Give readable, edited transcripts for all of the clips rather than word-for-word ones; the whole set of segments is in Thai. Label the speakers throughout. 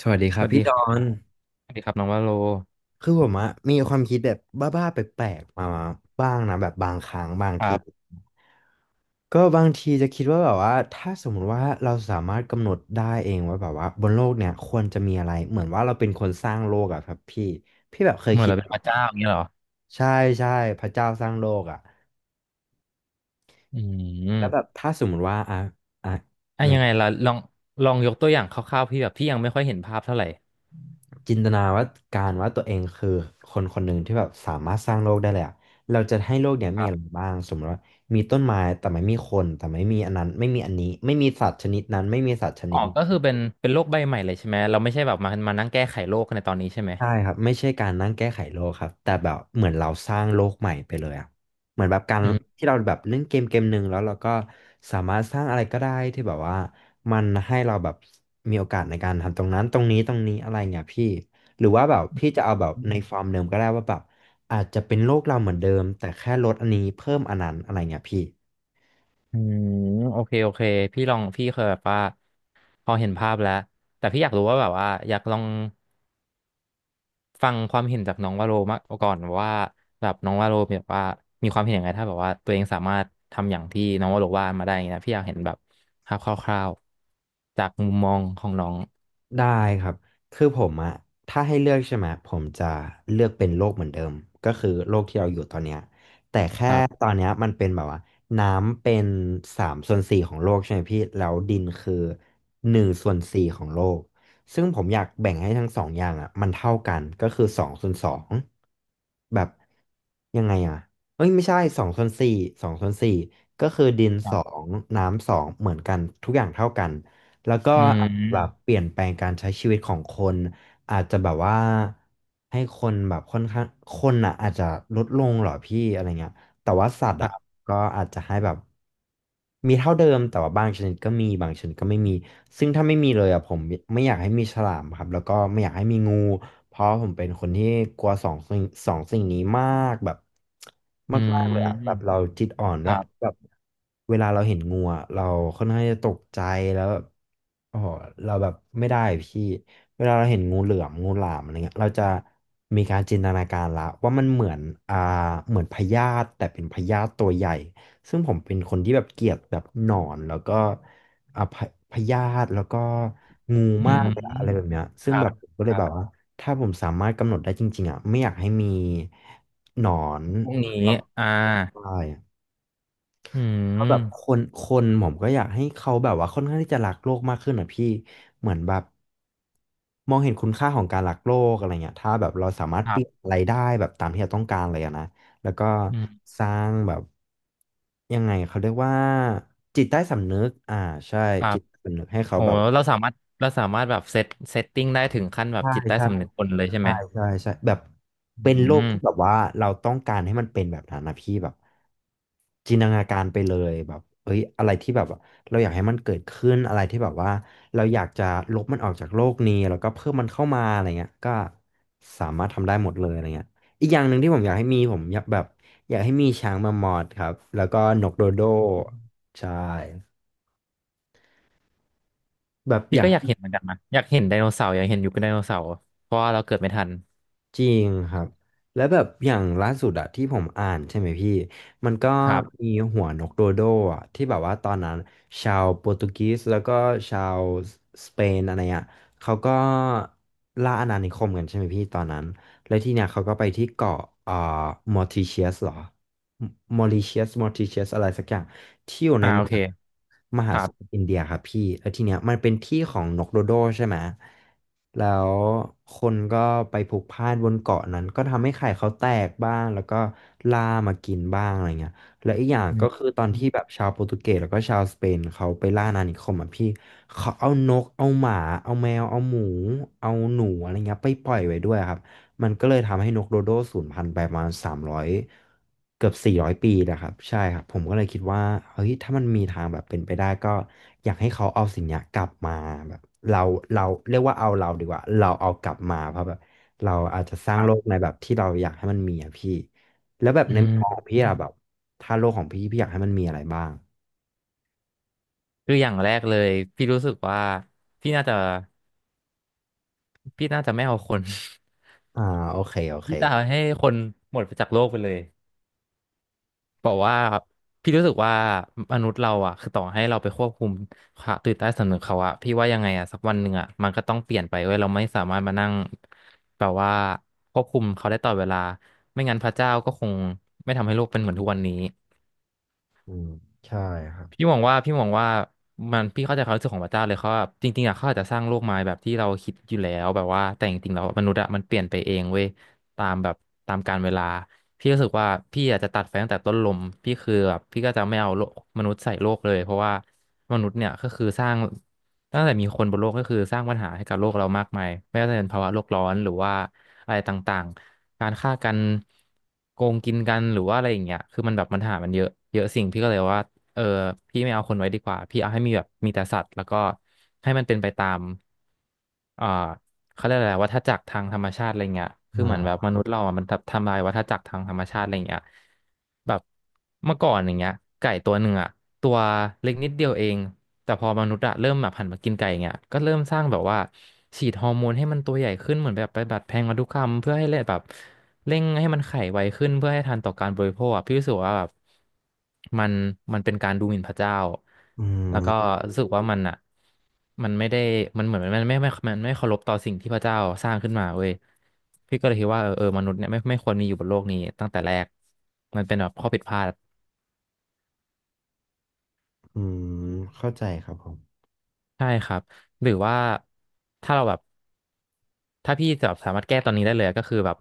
Speaker 1: สวัสดีค
Speaker 2: ส
Speaker 1: รับ
Speaker 2: วัส
Speaker 1: พี่
Speaker 2: ดี
Speaker 1: ด
Speaker 2: ค
Speaker 1: อ
Speaker 2: รั
Speaker 1: น
Speaker 2: บสวัสดีครับน้องวาโล
Speaker 1: คือผมอะมีความคิดแบบบ้าๆแปลกๆมาบ้างนะแบบบางครั้งบาง
Speaker 2: ค
Speaker 1: ที
Speaker 2: รับ
Speaker 1: ก็บางทีจะคิดว่าแบบว่าถ้าสมมุติว่าเราสามารถกำหนดได้เองว่าแบบว่าบนโลกเนี่ยควรจะมีอะไรเหมือนว่าเราเป็นคนสร้างโลกอะครับพี่พี่แบบเคย
Speaker 2: เหมือน
Speaker 1: คิด
Speaker 2: เราเป็นพระเจ้าอย่างนี้เหรอ
Speaker 1: ใช่ใช่พระเจ้าสร้างโลกอะ
Speaker 2: อื
Speaker 1: แล้วแบ
Speaker 2: ม
Speaker 1: บถ้าสมมุติว่าอ่ะ
Speaker 2: อ่ะยังไงล่ะลองยกตัวอย่างคร่าวๆพี่แบบพี่ยังไม่ค่อยเห็นภาพเท่าไหร่
Speaker 1: จินตนาว่าการว่าตัวเองคือคนคนหนึ่งที่แบบสามารถสร้างโลกได้เลยอะเราจะให้โลกเนี้ย
Speaker 2: ค
Speaker 1: มี
Speaker 2: รั
Speaker 1: อะไร
Speaker 2: บ
Speaker 1: บ้างสมมติว่ามีต้นไม้แต่ไม่มีคนแต่ไม่มีอันนั้นไม่มีอันนี้ไม่มีสัตว์ชนิดนั้นไม่มีสัตว์ชนิ
Speaker 2: อ๋อ
Speaker 1: ด
Speaker 2: ก็คือเป็
Speaker 1: นี้
Speaker 2: นโลกใบใหม่เลยใช่ไหมเราไม่ใช่แบบมานั่งแก้ไขโลกในตอนนี้ใช่ไหม
Speaker 1: ใช่ครับไม่ใช่การนั่งแก้ไขโลกครับแต่แบบเหมือนเราสร้างโลกใหม่ไปเลยอ่ะเหมือนแบบการ
Speaker 2: อืม
Speaker 1: ที่เราแบบเล่นเกมเกมหนึ่งแล้วเราก็สามารถสร้างอะไรก็ได้ที่แบบว่ามันให้เราแบบมีโอกาสในการทำตรงนั้นตรงนี้อะไรเงี้ยพี่หรือว่าแบบพี่จะเอาแบบในฟอร์มเดิมก็ได้ว่าแบบอาจจะเป็นโลกเราเหมือนเดิมแต่แค่ลดอันนี้เพิ่มอันนั้นอะไรเงี้ยพี่
Speaker 2: อืมโอเคโอเคพี่ลองพี่เคยแบบว่าพอเห็นภาพแล้วแต่พี่อยากรู้ว่าแบบว่าอยากลอง ฟังความเห็นจากน้องวาโรมาก่อนว่าแบบน้องวาโรแบบว่ามีความเห็นยังไงถ้าแบบว่าตัวเองสามารถทำอย่างที่น้องวาโรว่ามาได้อย่างเงี้ยนะพี่อยากเห็นแบบภาพคร่าวๆจากมุมมองของน้อง
Speaker 1: ได้ครับคือผมอะถ้าให้เลือกใช่ไหมผมจะเลือกเป็นโลกเหมือนเดิมก็คือโลกที่เราอยู่ตอนเนี้ยแต่แค่
Speaker 2: ครั
Speaker 1: ต
Speaker 2: บ
Speaker 1: อนเนี้ยมันเป็นแบบว่าน้ำเป็นสามส่วนสี่ของโลกใช่ไหมพี่แล้วดินคือหนึ่งส่วนสี่ของโลกซึ่งผมอยากแบ่งให้ทั้งสองอย่างอะมันเท่ากัน ก็คือสองส่วนสองแบบยังไงอะเอ้ยไม่ใช่สองส่วนสี่สองส่วนสี่ก็คือดิน
Speaker 2: ค
Speaker 1: ส
Speaker 2: รั
Speaker 1: อ
Speaker 2: บ
Speaker 1: งน้ำสองเหมือนกันทุกอย่างเท่ากัน แล้วก็
Speaker 2: อื
Speaker 1: แบบ
Speaker 2: ม
Speaker 1: เปลี่ยนแปลงการใช้ชีวิตของคนอาจจะแบบว่าให้คนแบบค่อนข้างคนอ่ะอาจจะลดลงเหรอพี่อะไรเงี้ย แต่ว่าสัตว์
Speaker 2: ค
Speaker 1: อ่ะ
Speaker 2: รับ
Speaker 1: ก็อาจจะให้แบบมีเท่าเดิมแต่ว่าบางชนิดก็มีบางชนิดก็ไม่มีซึ่งถ้าไม่มีเลยอ่ะผมไม่อยากให้มีฉลามครับแล้วก็ไม่อยากให้มีงูเพราะผมเป็นคนที่กลัวสองสิ่งนี้มากแบบ
Speaker 2: อื
Speaker 1: มากๆเลยอ่ะแบบ
Speaker 2: ม
Speaker 1: เราจิตอ่อน
Speaker 2: ค
Speaker 1: ด้วย
Speaker 2: รับ
Speaker 1: แบบเวลาเราเห็นงูอะเราค่อนข้างจะตกใจแล้ว โอ้โหเราแบบไม่ได้พี่เวลาเราเห็นงูเหลือมงูหลามอะไรเงี้ยเราจะมีการจินตนาการละว่ามันเหมือนอ่าเหมือนพยาธิแต่เป็นพยาธิตัวใหญ่ซึ่งผมเป็นคนที่แบบเกลียดแบบหนอนแล้วก็อ่าพะพยาธิแล้วก็งู
Speaker 2: อื
Speaker 1: มาก
Speaker 2: ม
Speaker 1: เลยอะอะไรแบบเนี้ยซึ่งแบบผมก็เลยแบบว่าถ้าผมสามารถกำหนดได้จริงๆอ่ะไม่อยากให้มีหนอน
Speaker 2: พรุ่งนี้
Speaker 1: คร
Speaker 2: อ่า
Speaker 1: ไบ
Speaker 2: อื
Speaker 1: ก็แบบค
Speaker 2: ม
Speaker 1: นคนผมก็อยากให้เขาแบบว่าค่อนข้างที่จะรักโลกมากขึ้นอ่ะพี่เหมือนแบบมองเห็นคุณค่าของการรักโลกอะไรเงี้ยถ้าแบบเราสามารถ
Speaker 2: ค
Speaker 1: เป
Speaker 2: รั
Speaker 1: ลี่ยน
Speaker 2: บ
Speaker 1: อะไรได้แบบตามที่เราต้องการเลยอะนะแล้วก็
Speaker 2: อืม
Speaker 1: สร้างแบบยังไงเขาเรียกว่าจิตใต้สำนึกใช่
Speaker 2: ครั
Speaker 1: จิ
Speaker 2: บ
Speaker 1: ตใต้สำนึกให้เขา
Speaker 2: โอ้
Speaker 1: แบบ
Speaker 2: เราสามารถเราสามารถแบบเซตติ้งได้ถึงขั้นแบบ
Speaker 1: ใช่
Speaker 2: จิตใต้
Speaker 1: ใช่
Speaker 2: สำนึกคนเลยใช่ไห
Speaker 1: ใช่
Speaker 2: ม
Speaker 1: ใช่ใช่แบบ
Speaker 2: อื
Speaker 1: เป็นโลกที่แบ
Speaker 2: ม
Speaker 1: บว่าเราต้องการให้มันเป็นแบบนั้นนะพี่แบบ จินตนาการไปเลยแบบเอ้ยอะไรที่แบบว่าเราอยากให้มันเกิดขึ้นอะไรที่แบบว่าเราอยากจะลบมันออกจากโลกนี้แล้วก็เพิ่มมันเข้ามาอะไรเงี้ยก็สามารถทำได้หมดเลยอะไรเงี้ยอีกอย่างหนึ่งที่ผมอยากให้มีผมอยากแบบอยากให้มีช้างมามอดครับแล้วก็นกโดโดใช่แบบ
Speaker 2: พี่
Speaker 1: อยา
Speaker 2: ก็
Speaker 1: ก
Speaker 2: อยากเห็นเหมือนกันนะอยากเห็นไดโนเสาร์อยากเห็นยุคไดโนเสาร์เพราะว่าเราเกิดไม่ทัน
Speaker 1: จริงครับแล้วแบบอย่างล่าสุดอะที่ผมอ่านใช่ไหมพี่มันก็
Speaker 2: ครับ
Speaker 1: มีหัวนกโดโดอะที่แบบว่าตอนนั้นชาวโปรตุเกสแล้วก็ชาวสเปนอะไรอะเขาก็ล่าอาณานิคมกันใช่ไหมพี่ตอนนั้นแล้วที่เนี่ยเขาก็ไปที่เกาะเอ่อมอริเชียสหรอมอริเชียสมอริเชียสอะไรสักอย่าง ที่อยู่ใน
Speaker 2: อ่า
Speaker 1: ม
Speaker 2: โอเค
Speaker 1: หาม
Speaker 2: ค
Speaker 1: หา
Speaker 2: รั
Speaker 1: ส
Speaker 2: บ
Speaker 1: มุทรอินเดียครับพี่แล้วทีเนี้ยมันเป็นที่ของนกโดโดใช่ไหมแล้วคนก็ไปพลุกพล่านบนเกาะนั้นก็ทำให้ไข่เขาแตกบ้างแล้วก็ล่ามากินบ้างอะไรเงี้ยแลวอีกอย่าง
Speaker 2: อื
Speaker 1: ก็
Speaker 2: ม
Speaker 1: คือตอนที่แบบชาวโปรตุเกสแล้วก็ชาวสเปนเขาไปล่าอาณานิคมอ่ะพี่เขาเอานกเอาหมาเอาแมวเอาหมูเอาหนูอะไรเงี้ยไปปล่อยไว้ด้วยครับ มันก็เลยทำให้นกโดโดสูญพันธุ์ไปประมาณ300เกือบ400ปีนะครับใช่ครับผมก็เลยคิดว่าเฮ้ยถ้ามันมีทางแบบเป็นไปได้ก็อยากให้เขาเอาสิ่งเนี้ยกลับมาแบบเราเราเรียกว่าเอาเราดีกว่าเราเอากลับมาเพราะแบบเราอาจจะส
Speaker 2: ค
Speaker 1: ร้าง
Speaker 2: รั
Speaker 1: โลก
Speaker 2: บ
Speaker 1: ในแบบที่เราอยากให้มันมีอะพี่แล้วแบบ
Speaker 2: อื
Speaker 1: ในมุม
Speaker 2: ม
Speaker 1: มองของพี่อะแบบถ้าโลกของพี่อยากให้มันมีอะไรบ้าง
Speaker 2: คืออย่างแรกเลยพี่รู้สึกว่าพี่น่าจะไม่เอาคน
Speaker 1: อ่าโอเคโอ เค
Speaker 2: พี่จะเอาให้คนหมดไปจากโลกไปเลย บอกว่าพี่รู้สึกว่ามนุษย์เราอ่ะคือต่อให้เราไปควบคุมความตื่นใต้สำนึกเขาอ่ะพี่ว่ายังไงอ่ะสักวันหนึ่งอ่ะมันก็ต้องเปลี่ยนไปเว้ยเราไม่สามารถมานั่งแบบว่าควบคุมเขาได้ตลอดเวลาไม่งั้นพระเจ้าก็คงไม่ทำให้โลกเป็นเหมือนทุกวันนี้
Speaker 1: อืมใช่ครับ
Speaker 2: พี่มองว่ามันพี่เข้าใจความรู้สึกของพระเจ้าเลยเขาว่าจริงๆอ่ะเขาอาจจะสร้างโลกมาแบบที่เราคิดอยู่แล้วแบบว่าแต่จริงๆแล้วมนุษย์อ่ะมันเปลี่ยนไปเองเว้ยตามแบบตามกาลเวลาพี่รู้สึกว่าพี่อาจจะตัดไฟตั้งแต่ต้นลมพี่คือแบบพี่ก็จะไม่เอาโลกมนุษย์ใส่โลกเลยเพราะว่ามนุษย์เนี่ยก็คือสร้างตั้งแต่มีคนบนโลกก็คือสร้างปัญหาให้กับโลกเรามากมายไม่ว่าจะเป็นภาวะโลกร้อนหรือว่าอะไรต่างๆการฆ่ากันโกงกินกันหรือว่าอะไรอย่างเงี้ยคือมันแบบปัญหามันเยอะเยอะสิ่งพี่ก็เลยว่า เออพี่ไม่เอาคนไว้ดีกว่าพี่เอาให้มีแบบมีแต่สัตว์แล้วก็ให้มันเป็นไปตามเอ่อเขาเรียกอะไรวัฏจักรทางธรรมชาติอะไรเงี้ยคือ
Speaker 1: อ่
Speaker 2: เหมือนแบบม
Speaker 1: า
Speaker 2: นุษย์เราอ่ะมันทำลายวัฏจักรทางธรรมชาติอะไรเงี้ยแบบเมื่อก่อนอย่างเงี้ยไก่ตัวหนึ่งอ่ะตัวเล็กนิดเดียวเองแต่พอมนุษย์อะเริ่มแบบหันมากินไก่อย่างเงี้ยก็เริ่มสร้างแบบว่าฉีดฮอร์โมนให้มันตัวใหญ่ขึ้นเหมือนแบบไปดัดแปลงพันธุกรรมเพื่อให้เลยแบบ เร่งให้มันไขไวขึ้นเพื่อให้ทันต่อการบริโภคอะพี่รู้สึกว่าแบบมันมันเป็นการดูหมิ่นพระเจ้า
Speaker 1: อื
Speaker 2: แล้วก็
Speaker 1: ม
Speaker 2: รู้สึกว่ามันอ่ะมันไม่ได้มันเหมือนมันไม่มันไม่เคารพต่อสิ่งที่พระเจ้าสร้างขึ้นมาเว้ยพี่ก็เลยคิดว่าเออมนุษย์เนี่ยไม่ควรมีอยู่บนโลกนี้ตั้งแต่แรกมันเป็นแบบข้อผิดพลาด
Speaker 1: อืมเข้าใจครับผม
Speaker 2: ใช่ครับหรือว่าถ้าเราแบบ ถ้าพี่แบบสามารถแก้ตอนนี้ได้เลยก็คือแบบ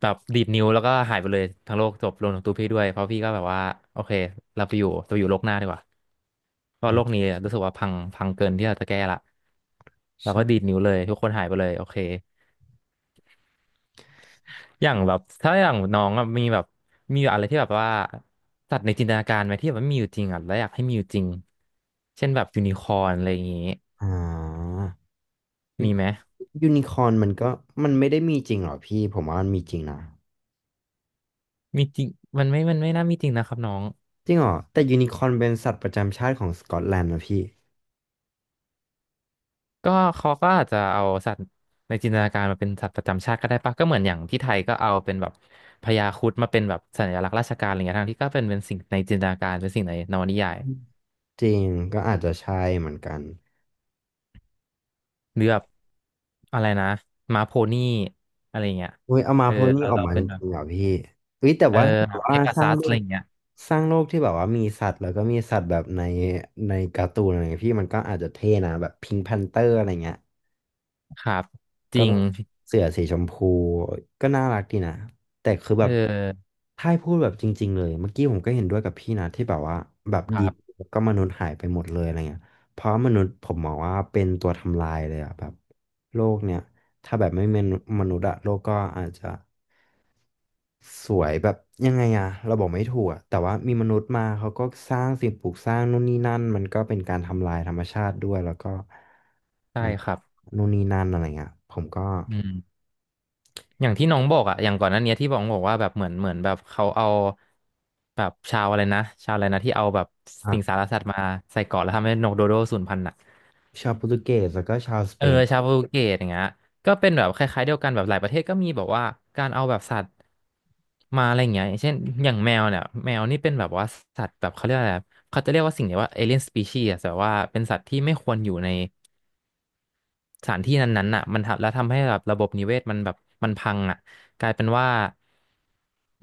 Speaker 2: ดีดนิ้วแล้วก็หายไปเลยทั้งโลกจบรวมถึงตัวพี่ด้วยเพราะพี่ก็แบบว่าโอเคเราไปอยู่เราอยู่โลกหน้าดีกว่าเพ
Speaker 1: อื
Speaker 2: ราะโล
Speaker 1: ม
Speaker 2: กนี้รู้สึกว่าพังเกินที่เราจะแก้ละเราก็ดี
Speaker 1: ใช่
Speaker 2: ดนิ้วเลยทุกคนหายไปเลยโอเคอย่างแบบถ้าอย่างน้องอะมีแบบมีอะไรที่แบบว่าสัตว์ในจินตนาการไหมที่แบบไม่มีอยู่จริงอ่ะแล้วอยากให้มีอยู่จริงเช่นแบบยูนิคอร์นอะไรอย่างงี้
Speaker 1: อ่า
Speaker 2: มีไหม
Speaker 1: ยูนิคอร์นมันก็มันไม่ได้มีจริงหรอพี่ผมว่ามันมีจริงนะ
Speaker 2: มีจริงมันไม่น่ามีจริงนะครับน้อง
Speaker 1: จริงเหรอแต่ยูนิคอร์นเป็นสัตว์ประจำชาติของสกอตแลนด์นะพี่
Speaker 2: ก็เขาก็อาจจะเอาสัตว์ในจินตนาการมาเป็นสัตว์ประจำชาติก็ได้ปะก็เหมือนอย่างที่ไทยก็เอาเป็นแบบพญาครุฑมาเป็นแบบสัญลักษณ์ราชการอะไรเงี้ยทั้งที่ก็เป็นสิ่งในจินตนาการเป็นสิ่งในนวนิยาย
Speaker 1: จริงก็อาจจะใช่เหมือนกัน
Speaker 2: หรือแบบอะไรนะม้าโพนี่อะไรเงี้ย
Speaker 1: เว้ยเอามา
Speaker 2: เออ
Speaker 1: โพสต์นี้
Speaker 2: เรา
Speaker 1: ออก
Speaker 2: เรา
Speaker 1: มาจ
Speaker 2: เป็นแบบ
Speaker 1: ริงๆเหรอพี่เฮ้ยแต่
Speaker 2: เออ
Speaker 1: ว่าถ้าแบ
Speaker 2: แบ
Speaker 1: บ
Speaker 2: บเพ
Speaker 1: ว่า
Speaker 2: กา
Speaker 1: สร้า
Speaker 2: ซั
Speaker 1: ง
Speaker 2: ส
Speaker 1: โล
Speaker 2: อะไร
Speaker 1: ก
Speaker 2: เงี้ย
Speaker 1: สร้างโลกที่แบบว่ามีสัตว์แล้วก็มีสัตว์แบบในในการ์ตูนอะไรเงี้ยพี่มันก็อาจจะเท่นะแบบพิงค์แพนเตอร์อะไรเงี้ย
Speaker 2: ครับจ
Speaker 1: ก็
Speaker 2: ริ
Speaker 1: แบ
Speaker 2: ง
Speaker 1: บเสือสีชมพูก็น่ารักดีนะแต่คือแบ
Speaker 2: เอ
Speaker 1: บ
Speaker 2: อ
Speaker 1: ถ้าให้พูดแบบจริงๆเลยเมื่อกี้ผมก็เห็นด้วยกับพี่นะที่แบบว่าแบบ
Speaker 2: ค
Speaker 1: ดี
Speaker 2: รับ
Speaker 1: แล้วก็มนุษย์หายไปหมดเลยอะไรเงี้ยเพราะมนุษย์ผมมองว่าเป็นตัวทำลายเลยอะแบบโลกเนี่ยถ้าแบบไม่มีมนุษย์อะโลกก็อาจจะสวยแบบยังไงอะเราบอกไม่ถูกอะแต่ว่ามีมนุษย์มาเขาก็สร้างสิ่งปลูกสร้างนู่นนี่นั่นมันก็เป็นการทำลายธรรมชาติด้วยแล้วก็
Speaker 2: ใช่
Speaker 1: มัน
Speaker 2: ครับ
Speaker 1: นู่นนี่นั่นอะไรเงี้ยผมก็
Speaker 2: อืม อย่างที่น้องบอกอะอย่างก่อนหน้านี้ที่บอกว่าแบบเหมือนแบบเขาเอาแบบชาวอะไรนะชาวอะไรนะที่เอาแบบสิงสารสัตว์มาใส่เกาะแล้วทำให้นกโดโดสูญพันธุ์อะ
Speaker 1: ชาวโปรตุเกสแล้วก็ชาวส
Speaker 2: เอ
Speaker 1: เป
Speaker 2: อ
Speaker 1: น
Speaker 2: ชาวโปรตุเกสอย่างเงี้ยก็เป็นแบบคล้ายๆเดียวกันแบบหลายประเทศก็มีแบบว่าการเอาแบบสัตว์มาอะไรอย่างเงี้ยอย่างเช่นอย่างแมวเนี่ยแมวนี่เป็นแบบว่าสัตว์แบบเขาเรียกอะไรอะเขาจะเรียกว่าสิ่งเนี้ยว่าเอเลียนสปีชีส์แต่ว่าเป็นสัตว์ที่ไม่ควรอยู่ใน สถานที่นั้นๆน่ะมันทำแล้วทำให้แบบระบบนิเวศมันแบบมันพังอ่ะกลายเป็นว่า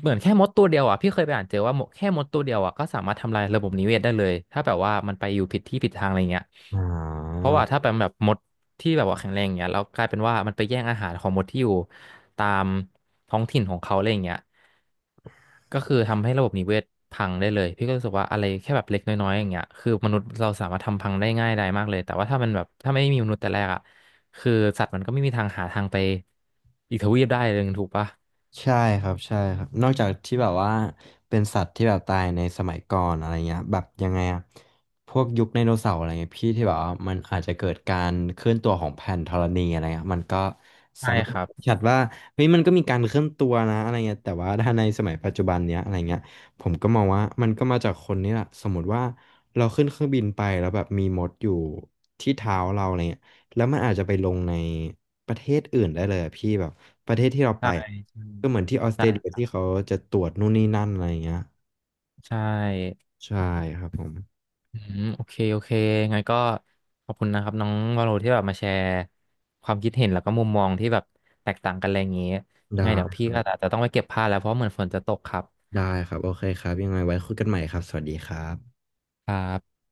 Speaker 2: เหมือนแค่มดตัวเดียวอ่ะพี่เคยไปอ่านเจอว่าหมดแค่มดตัวเดียวอ่ะก็สามารถทำลายระบบนิเวศได้เลยถ้าแบบว่ามันไปอยู่ผิดที่ผิดทางอะไรเงี้ย
Speaker 1: อ๋อ
Speaker 2: เพราะว่าถ้าเป็นแบบมดที่แบบว่าแข็งแรงเงี้ยแล้วกลายเป็นว่ามันไปแย่งอาหารของมดที่อยู่ ตามท้องถิ่นของเขาอะไรอย่างเงี้ยก็คือทำให้ระบบนิเวศพังได้เลยพี่ก็รู้สึกว่าอะไรแค่แบบเล็กน้อยๆอย่างเงี้ยคือมนุษย์เราสามารถทำพังได้ง่ายได้มากเลยแต่ว่าถ้ามันแบบถ้าไม่มีมนุษย์แต่แรกอ่ะคือสัตว์มันก็ไม่มีทางหาทางไปอีกทวีปได้เลยถูกปะ
Speaker 1: ใช่ครับใช่ครับนอกจากที่แบบว่าเป็นสัตว์ที่แบบตายในสมัยก่อนอะไรเงี้ยแบบยังไงอะพวกยุคไดโนเสาร์อะไรเงี้ยพี่ที่แบบว่ามันอาจจะเกิดการเคลื่อนตัวของแผ่นธรณีอะไรเงี้ยมันก็
Speaker 2: ใช่
Speaker 1: สามารถ
Speaker 2: ครั
Speaker 1: ชั
Speaker 2: บ
Speaker 1: ดว่าเฮ้ยมันก็มีการเคลื่อนตัวนะอะไรเงี้ยแต่ว่าถ้าในสมัยปัจจุบันเนี้ยอะไรเงี้ยผมก็มองว่ามันก็มาจากคนนี่แหละสมมติว่าเราขึ้นเครื่องบินไปแล้วแบบมีมดอยู่ที่เท้าเราอะไรเงี้ยแล้วมันอาจจะไปลงในประเทศอื่นได้เลยอะพี่แบบ ประเทศที่เราไปอะก็เหมือนที่ออสเตรเลียที่เขาจะตรวจนู่นนี่นั่นอะไรอย่างเงี้ย
Speaker 2: ใช่
Speaker 1: ใช่ครับผม
Speaker 2: อืมโอเคโอเคงั้นก็ขอบคุณนะครับน้องวาโลที่แบบมาแชร์ความคิดเห็นแล้วก็มุมมองที่แบบแตกต่างกันอะไรอย่างเงี้ยไง
Speaker 1: ได้
Speaker 2: เดี๋ยวพี่ก็อาจจะต้องไปเก็บผ้าแล้วเพราะเหมือนฝนจะตกครับ
Speaker 1: ได้ครับโอเคครับยังไงไว้คุยกันใหม่ครับสวัสดีครับ
Speaker 2: ครับ